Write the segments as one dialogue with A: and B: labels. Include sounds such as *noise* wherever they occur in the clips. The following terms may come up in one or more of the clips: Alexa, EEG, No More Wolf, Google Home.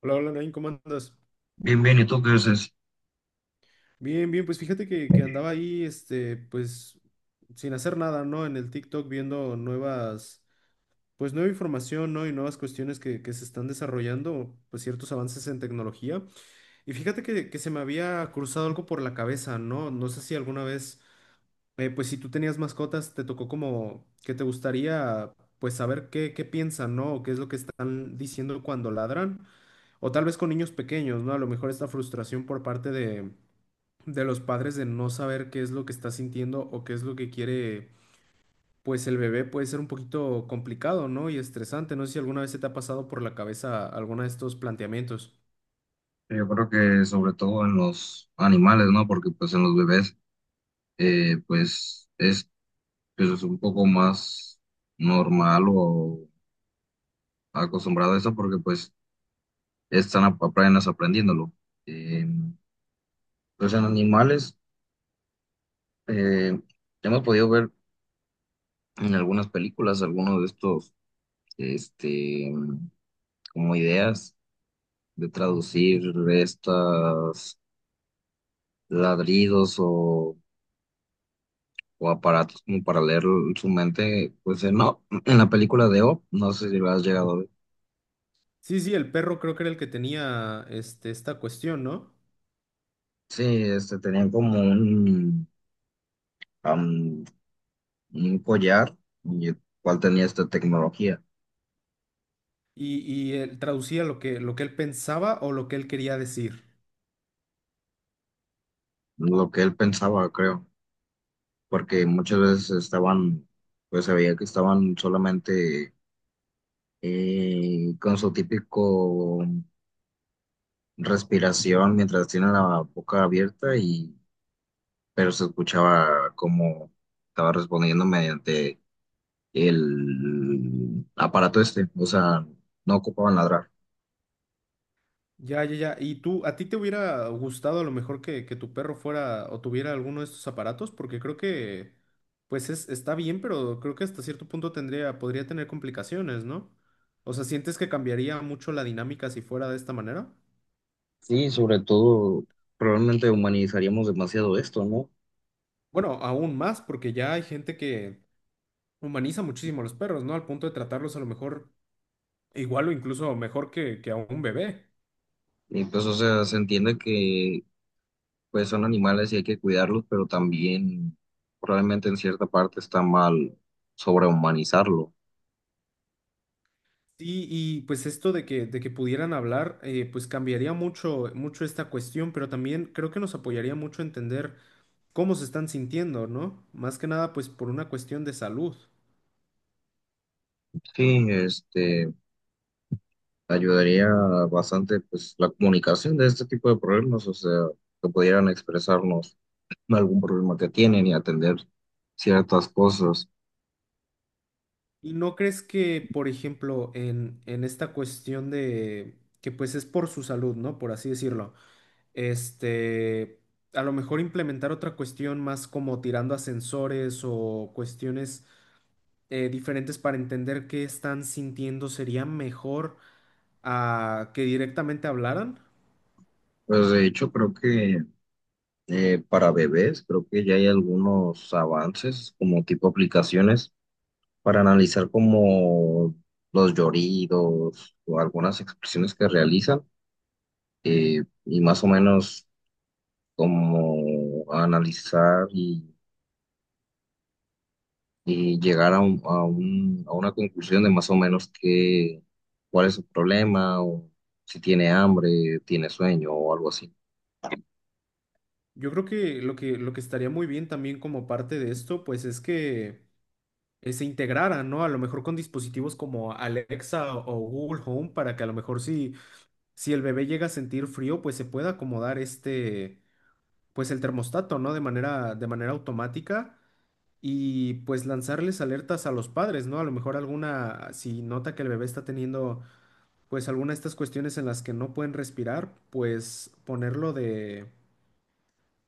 A: Hola, hola, Nain, ¿cómo andas?
B: Bien, bien, ¿y tú qué dices?
A: Bien, bien, pues fíjate que andaba ahí, pues, sin hacer nada, ¿no? En el TikTok viendo nuevas, pues, nueva información, ¿no? Y nuevas cuestiones que se están desarrollando, pues, ciertos avances en tecnología. Y fíjate que se me había cruzado algo por la cabeza, ¿no? No sé si alguna vez, pues, si tú tenías mascotas, te tocó como que te gustaría, pues, saber qué piensan, ¿no? O qué es lo que están diciendo cuando ladran. O tal vez con niños pequeños, ¿no? A lo mejor esta frustración por parte de los padres de no saber qué es lo que está sintiendo o qué es lo que quiere, pues el bebé puede ser un poquito complicado, ¿no? Y estresante. No sé si alguna vez se te ha pasado por la cabeza alguno de estos planteamientos.
B: Yo creo que sobre todo en los animales, ¿no? Porque pues en los bebés, eh, pues es, pues, es un poco más normal o acostumbrado a eso porque pues están apenas aprendiéndolo. Eh, pues en animales, eh, hemos podido ver en algunas películas algunos de estos, este, como ideas de traducir estas ladridos o aparatos como para leer su mente, pues no, en la película de O, no sé si lo has llegado a ver.
A: Sí, sí, el perro creo que era el que tenía esta cuestión, ¿no?
B: Sí, este, tenían como am, un collar y el cual tenía esta tecnología,
A: Y él traducía lo lo que él pensaba o lo que él quería decir.
B: lo que él pensaba, creo, porque muchas veces estaban, pues se veía que estaban solamente con su típico respiración mientras tienen la boca abierta y, pero se escuchaba como estaba respondiendo mediante el aparato este, o sea, no ocupaban ladrar.
A: Ya, ya, ya. ¿Y tú, a ti te hubiera gustado a lo mejor que tu perro fuera o tuviera alguno de estos aparatos? Porque creo que, pues es, está bien, pero creo que hasta cierto punto tendría, podría tener complicaciones, ¿no? O sea, ¿sientes que cambiaría mucho la dinámica si fuera de esta manera?
B: Sí, sobre todo, probablemente humanizaríamos demasiado esto, ¿no?
A: Bueno, aún más, porque ya hay gente que humaniza muchísimo a los perros, ¿no? Al punto de tratarlos a lo mejor igual o incluso mejor que a un bebé.
B: Y pues, o sea, se entiende que pues son animales y hay que cuidarlos, pero también probablemente en cierta parte está mal sobrehumanizarlo.
A: Sí, y pues esto de que pudieran hablar, pues cambiaría mucho, mucho esta cuestión, pero también creo que nos apoyaría mucho entender cómo se están sintiendo, ¿no? Más que nada, pues por una cuestión de salud.
B: Sí, este, ayudaría bastante pues la comunicación de este tipo de problemas, o sea, que pudieran expresarnos algún problema que tienen y atender ciertas cosas.
A: ¿Y no crees que, por ejemplo, en esta cuestión de que pues es por su salud, ¿no? Por así decirlo, este, a lo mejor implementar otra cuestión más como tirando a sensores o cuestiones diferentes para entender qué están sintiendo, sería mejor a que directamente hablaran.
B: Pues de hecho creo que para bebés creo que ya hay algunos avances como tipo aplicaciones para analizar como los lloridos o algunas expresiones que realizan y más o menos como analizar y llegar a una conclusión de más o menos qué, cuál es su problema o si tiene hambre, tiene sueño o algo así.
A: Yo creo que lo lo que estaría muy bien también como parte de esto, pues es que se integraran, ¿no? A lo mejor con dispositivos como Alexa o Google Home para que a lo mejor si el bebé llega a sentir frío, pues se pueda acomodar este, pues el termostato, ¿no? De manera automática y pues lanzarles alertas a los padres, ¿no? A lo mejor alguna, si nota que el bebé está teniendo pues alguna de estas cuestiones en las que no pueden respirar, pues ponerlo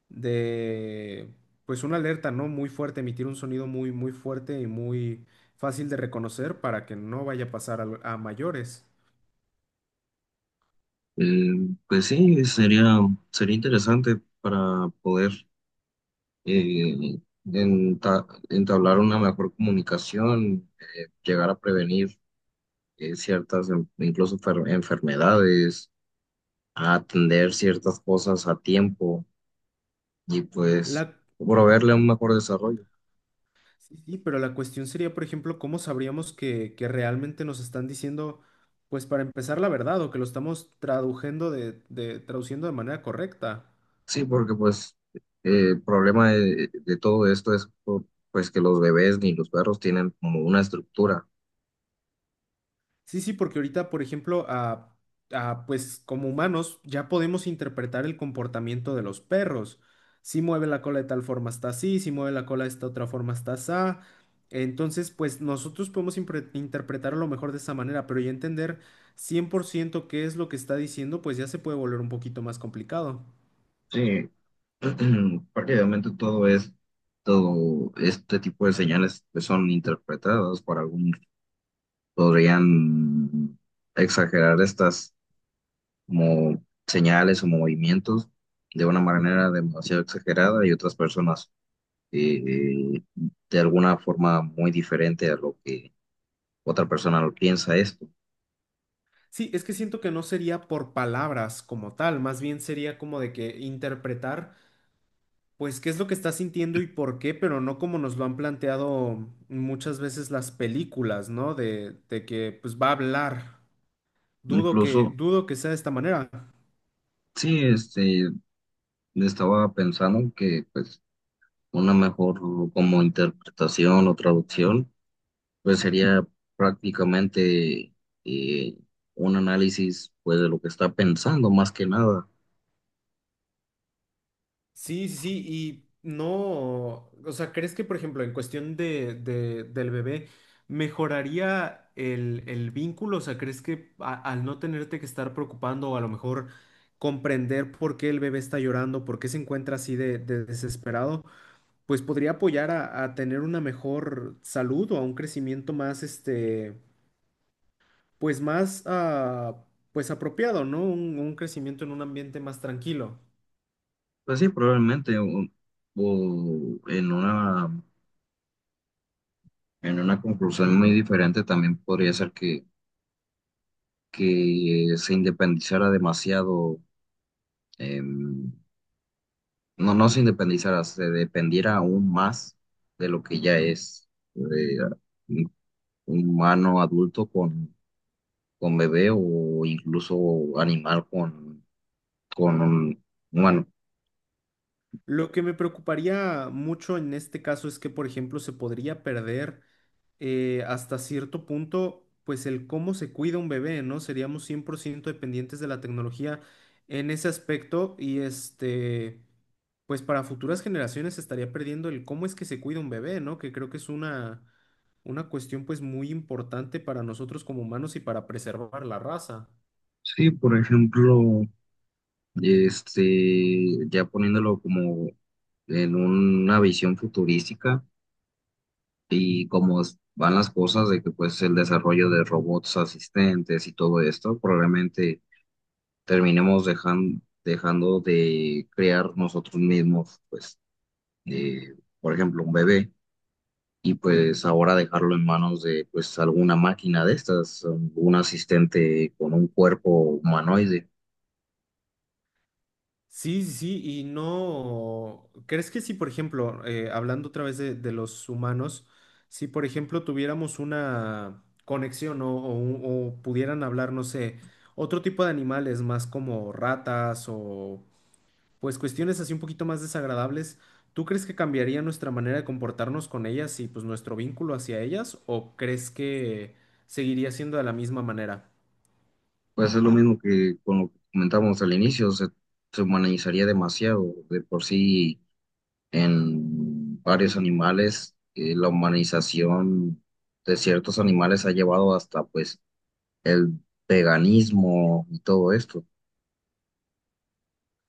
A: de, pues una alerta, ¿no? Muy fuerte, emitir un sonido muy, muy fuerte y muy fácil de reconocer para que no vaya a pasar mayores.
B: Eh, pues sí, sería, sería interesante para poder eh, entablar una mejor comunicación, llegar a prevenir ciertas, incluso enfermedades, a atender ciertas cosas a tiempo y pues
A: La,
B: proveerle un mejor desarrollo.
A: sí, sí, pero la cuestión sería, por ejemplo, ¿cómo sabríamos que realmente nos están diciendo, pues para empezar, la verdad o que lo estamos traduciendo traduciendo de manera correcta?
B: Sí, porque pues el problema de todo esto es pues que los bebés ni los perros tienen como una estructura.
A: Sí, sí, porque ahorita, por ejemplo, a, pues como humanos ya podemos interpretar el comportamiento de los perros. Si mueve la cola de tal forma está así, si mueve la cola de esta otra forma está así. Entonces, pues nosotros podemos interpretar a lo mejor de esa manera, pero ya entender 100% qué es lo que está diciendo, pues ya se puede volver un poquito más complicado.
B: Sí, *clears throat* porque todo es, todo este tipo de señales que son interpretadas por algunos, podrían exagerar estas como señales o movimientos de una manera demasiado exagerada y otras personas eh, de alguna forma muy diferente a lo que otra persona lo piensa esto.
A: Sí, es que siento que no sería por palabras como tal, más bien sería como de que interpretar. Pues qué es lo que está sintiendo y por qué, pero no como nos lo han planteado muchas veces las películas, ¿no? De que pues va a hablar.
B: Incluso,
A: Dudo que sea de esta manera.
B: sí, este, estaba pensando que pues una mejor como interpretación o traducción pues sería prácticamente eh, un análisis pues de lo que está pensando más que nada.
A: Sí, sí, sí, y no, o sea, ¿crees que, por ejemplo, en cuestión del bebé, mejoraría el vínculo? O sea, ¿crees que al no tenerte que estar preocupando o a lo mejor comprender por qué el bebé está llorando, por qué se encuentra así de desesperado? Pues podría apoyar a tener una mejor salud o a un crecimiento más, este, pues más, ah, pues apropiado, ¿no? Un crecimiento en un ambiente más tranquilo.
B: Pues sí, probablemente o en una conclusión muy diferente también podría ser que se independizara demasiado, em, no, no se independizara, se dependiera aún más de lo que ya es eh, un humano adulto con bebé o incluso animal con un humano.
A: Lo que me preocuparía mucho en este caso es que, por ejemplo, se podría perder hasta cierto punto, pues el cómo se cuida un bebé, ¿no? Seríamos 100% dependientes de la tecnología en ese aspecto y este... Pues para futuras generaciones estaría perdiendo el cómo es que se cuida un bebé, ¿no? Que creo que es una cuestión pues muy importante para nosotros como humanos y para preservar la raza.
B: Sí, por ejemplo, este, ya poniéndolo como en una visión futurística y cómo van las cosas de que pues el desarrollo de robots asistentes y todo esto, probablemente terminemos dejando de crear nosotros mismos, pues, eh, por ejemplo, un bebé y pues ahora dejarlo en manos de pues alguna máquina de estas, un asistente con un cuerpo humanoide.
A: Sí, sí, sí, y no, ¿crees que si, por ejemplo, hablando otra vez de los humanos, si, por ejemplo, tuviéramos una conexión o pudieran hablar, no sé, otro tipo de animales más como ratas o pues cuestiones así un poquito más desagradables, ¿tú crees que cambiaría nuestra manera de comportarnos con ellas y pues nuestro vínculo hacia ellas o crees que seguiría siendo de la misma manera?
B: Pues es lo mismo que con lo que comentábamos al inicio, se humanizaría demasiado. De por sí, en varios animales, la humanización de ciertos animales ha llevado hasta pues el veganismo y todo esto.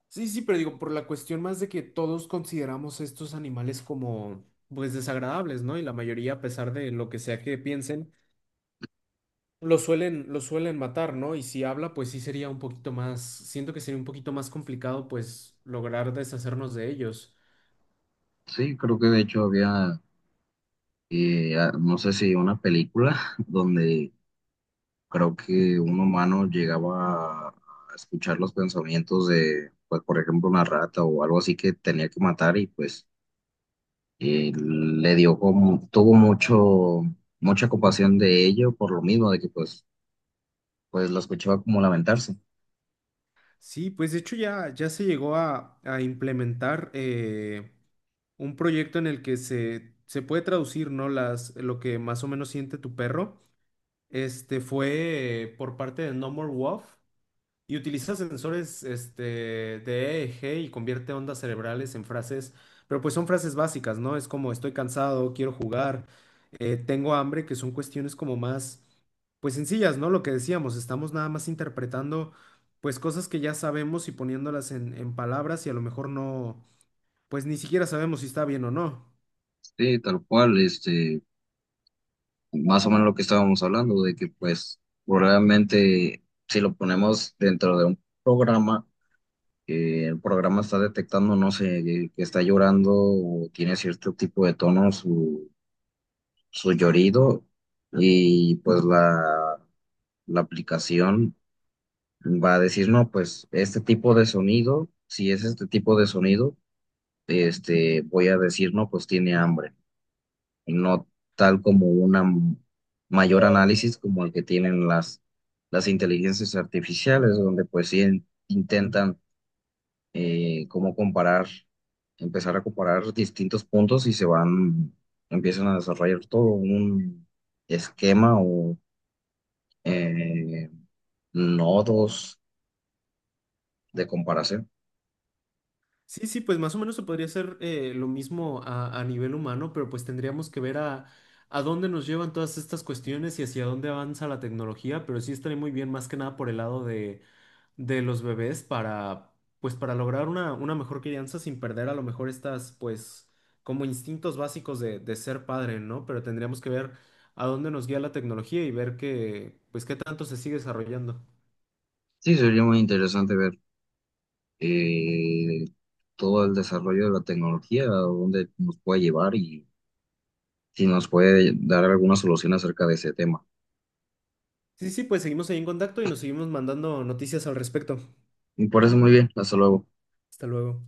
A: Sí, sí, pero digo, por la cuestión más de que todos consideramos estos animales como, pues, desagradables, ¿no? Y la mayoría, a pesar de lo que sea que piensen, lo suelen matar, ¿no? Y si habla, pues sí sería un poquito más, siento que sería un poquito más complicado, pues, lograr deshacernos de ellos.
B: Sí, creo que de hecho había, no sé si una película *laughs* donde creo que un humano llegaba a escuchar los pensamientos de, pues por ejemplo, una rata o algo así que tenía que matar y pues le dio como, tuvo mucho, mucha compasión de ello por lo mismo, de que pues, pues lo escuchaba como lamentarse.
A: Sí, pues de hecho ya se llegó a implementar un proyecto en el que se puede traducir, ¿no? Las, lo que más o menos siente tu perro. Este fue por parte de No More Wolf. Y utiliza sensores este, de EEG y convierte ondas cerebrales en frases, pero pues son frases básicas, ¿no? Es como estoy cansado, quiero jugar, tengo hambre, que son cuestiones como más, pues sencillas, ¿no? Lo que decíamos, estamos nada más interpretando pues cosas que ya sabemos y poniéndolas en palabras y a lo mejor no, pues ni siquiera sabemos si está bien o no.
B: Sí, tal cual, este, más o menos lo que estábamos hablando, de que pues probablemente si lo ponemos dentro de un programa, que el programa está detectando, no sé, que está llorando o tiene cierto tipo de tono su, su llorido y pues la aplicación va a decir, no, pues este tipo de sonido, si es este tipo de sonido, este, voy a decir, no, pues tiene hambre, y no tal como una mayor análisis como el que tienen las inteligencias artificiales, donde pues sí intentan como comparar, empezar a comparar distintos puntos y se van, empiezan a desarrollar todo un esquema o eh, nodos de comparación.
A: Sí, sí, pues más o menos se podría hacer lo mismo a nivel humano, pero pues tendríamos que ver a dónde nos llevan todas estas cuestiones y hacia dónde avanza la tecnología, pero sí estaría muy bien más que nada por el lado de los bebés para, pues para lograr una mejor crianza sin perder a lo mejor estas, pues como instintos básicos de ser padre, ¿no? Pero tendríamos que ver a dónde nos guía la tecnología y ver que, pues qué tanto se sigue desarrollando.
B: Sí, sería muy interesante ver eh, todo el desarrollo de la tecnología, a dónde nos puede llevar y si nos puede dar alguna solución acerca de ese tema.
A: Sí, sí, pues seguimos ahí en contacto y nos seguimos mandando noticias al respecto.
B: Y por eso muy bien, hasta luego.
A: Hasta luego.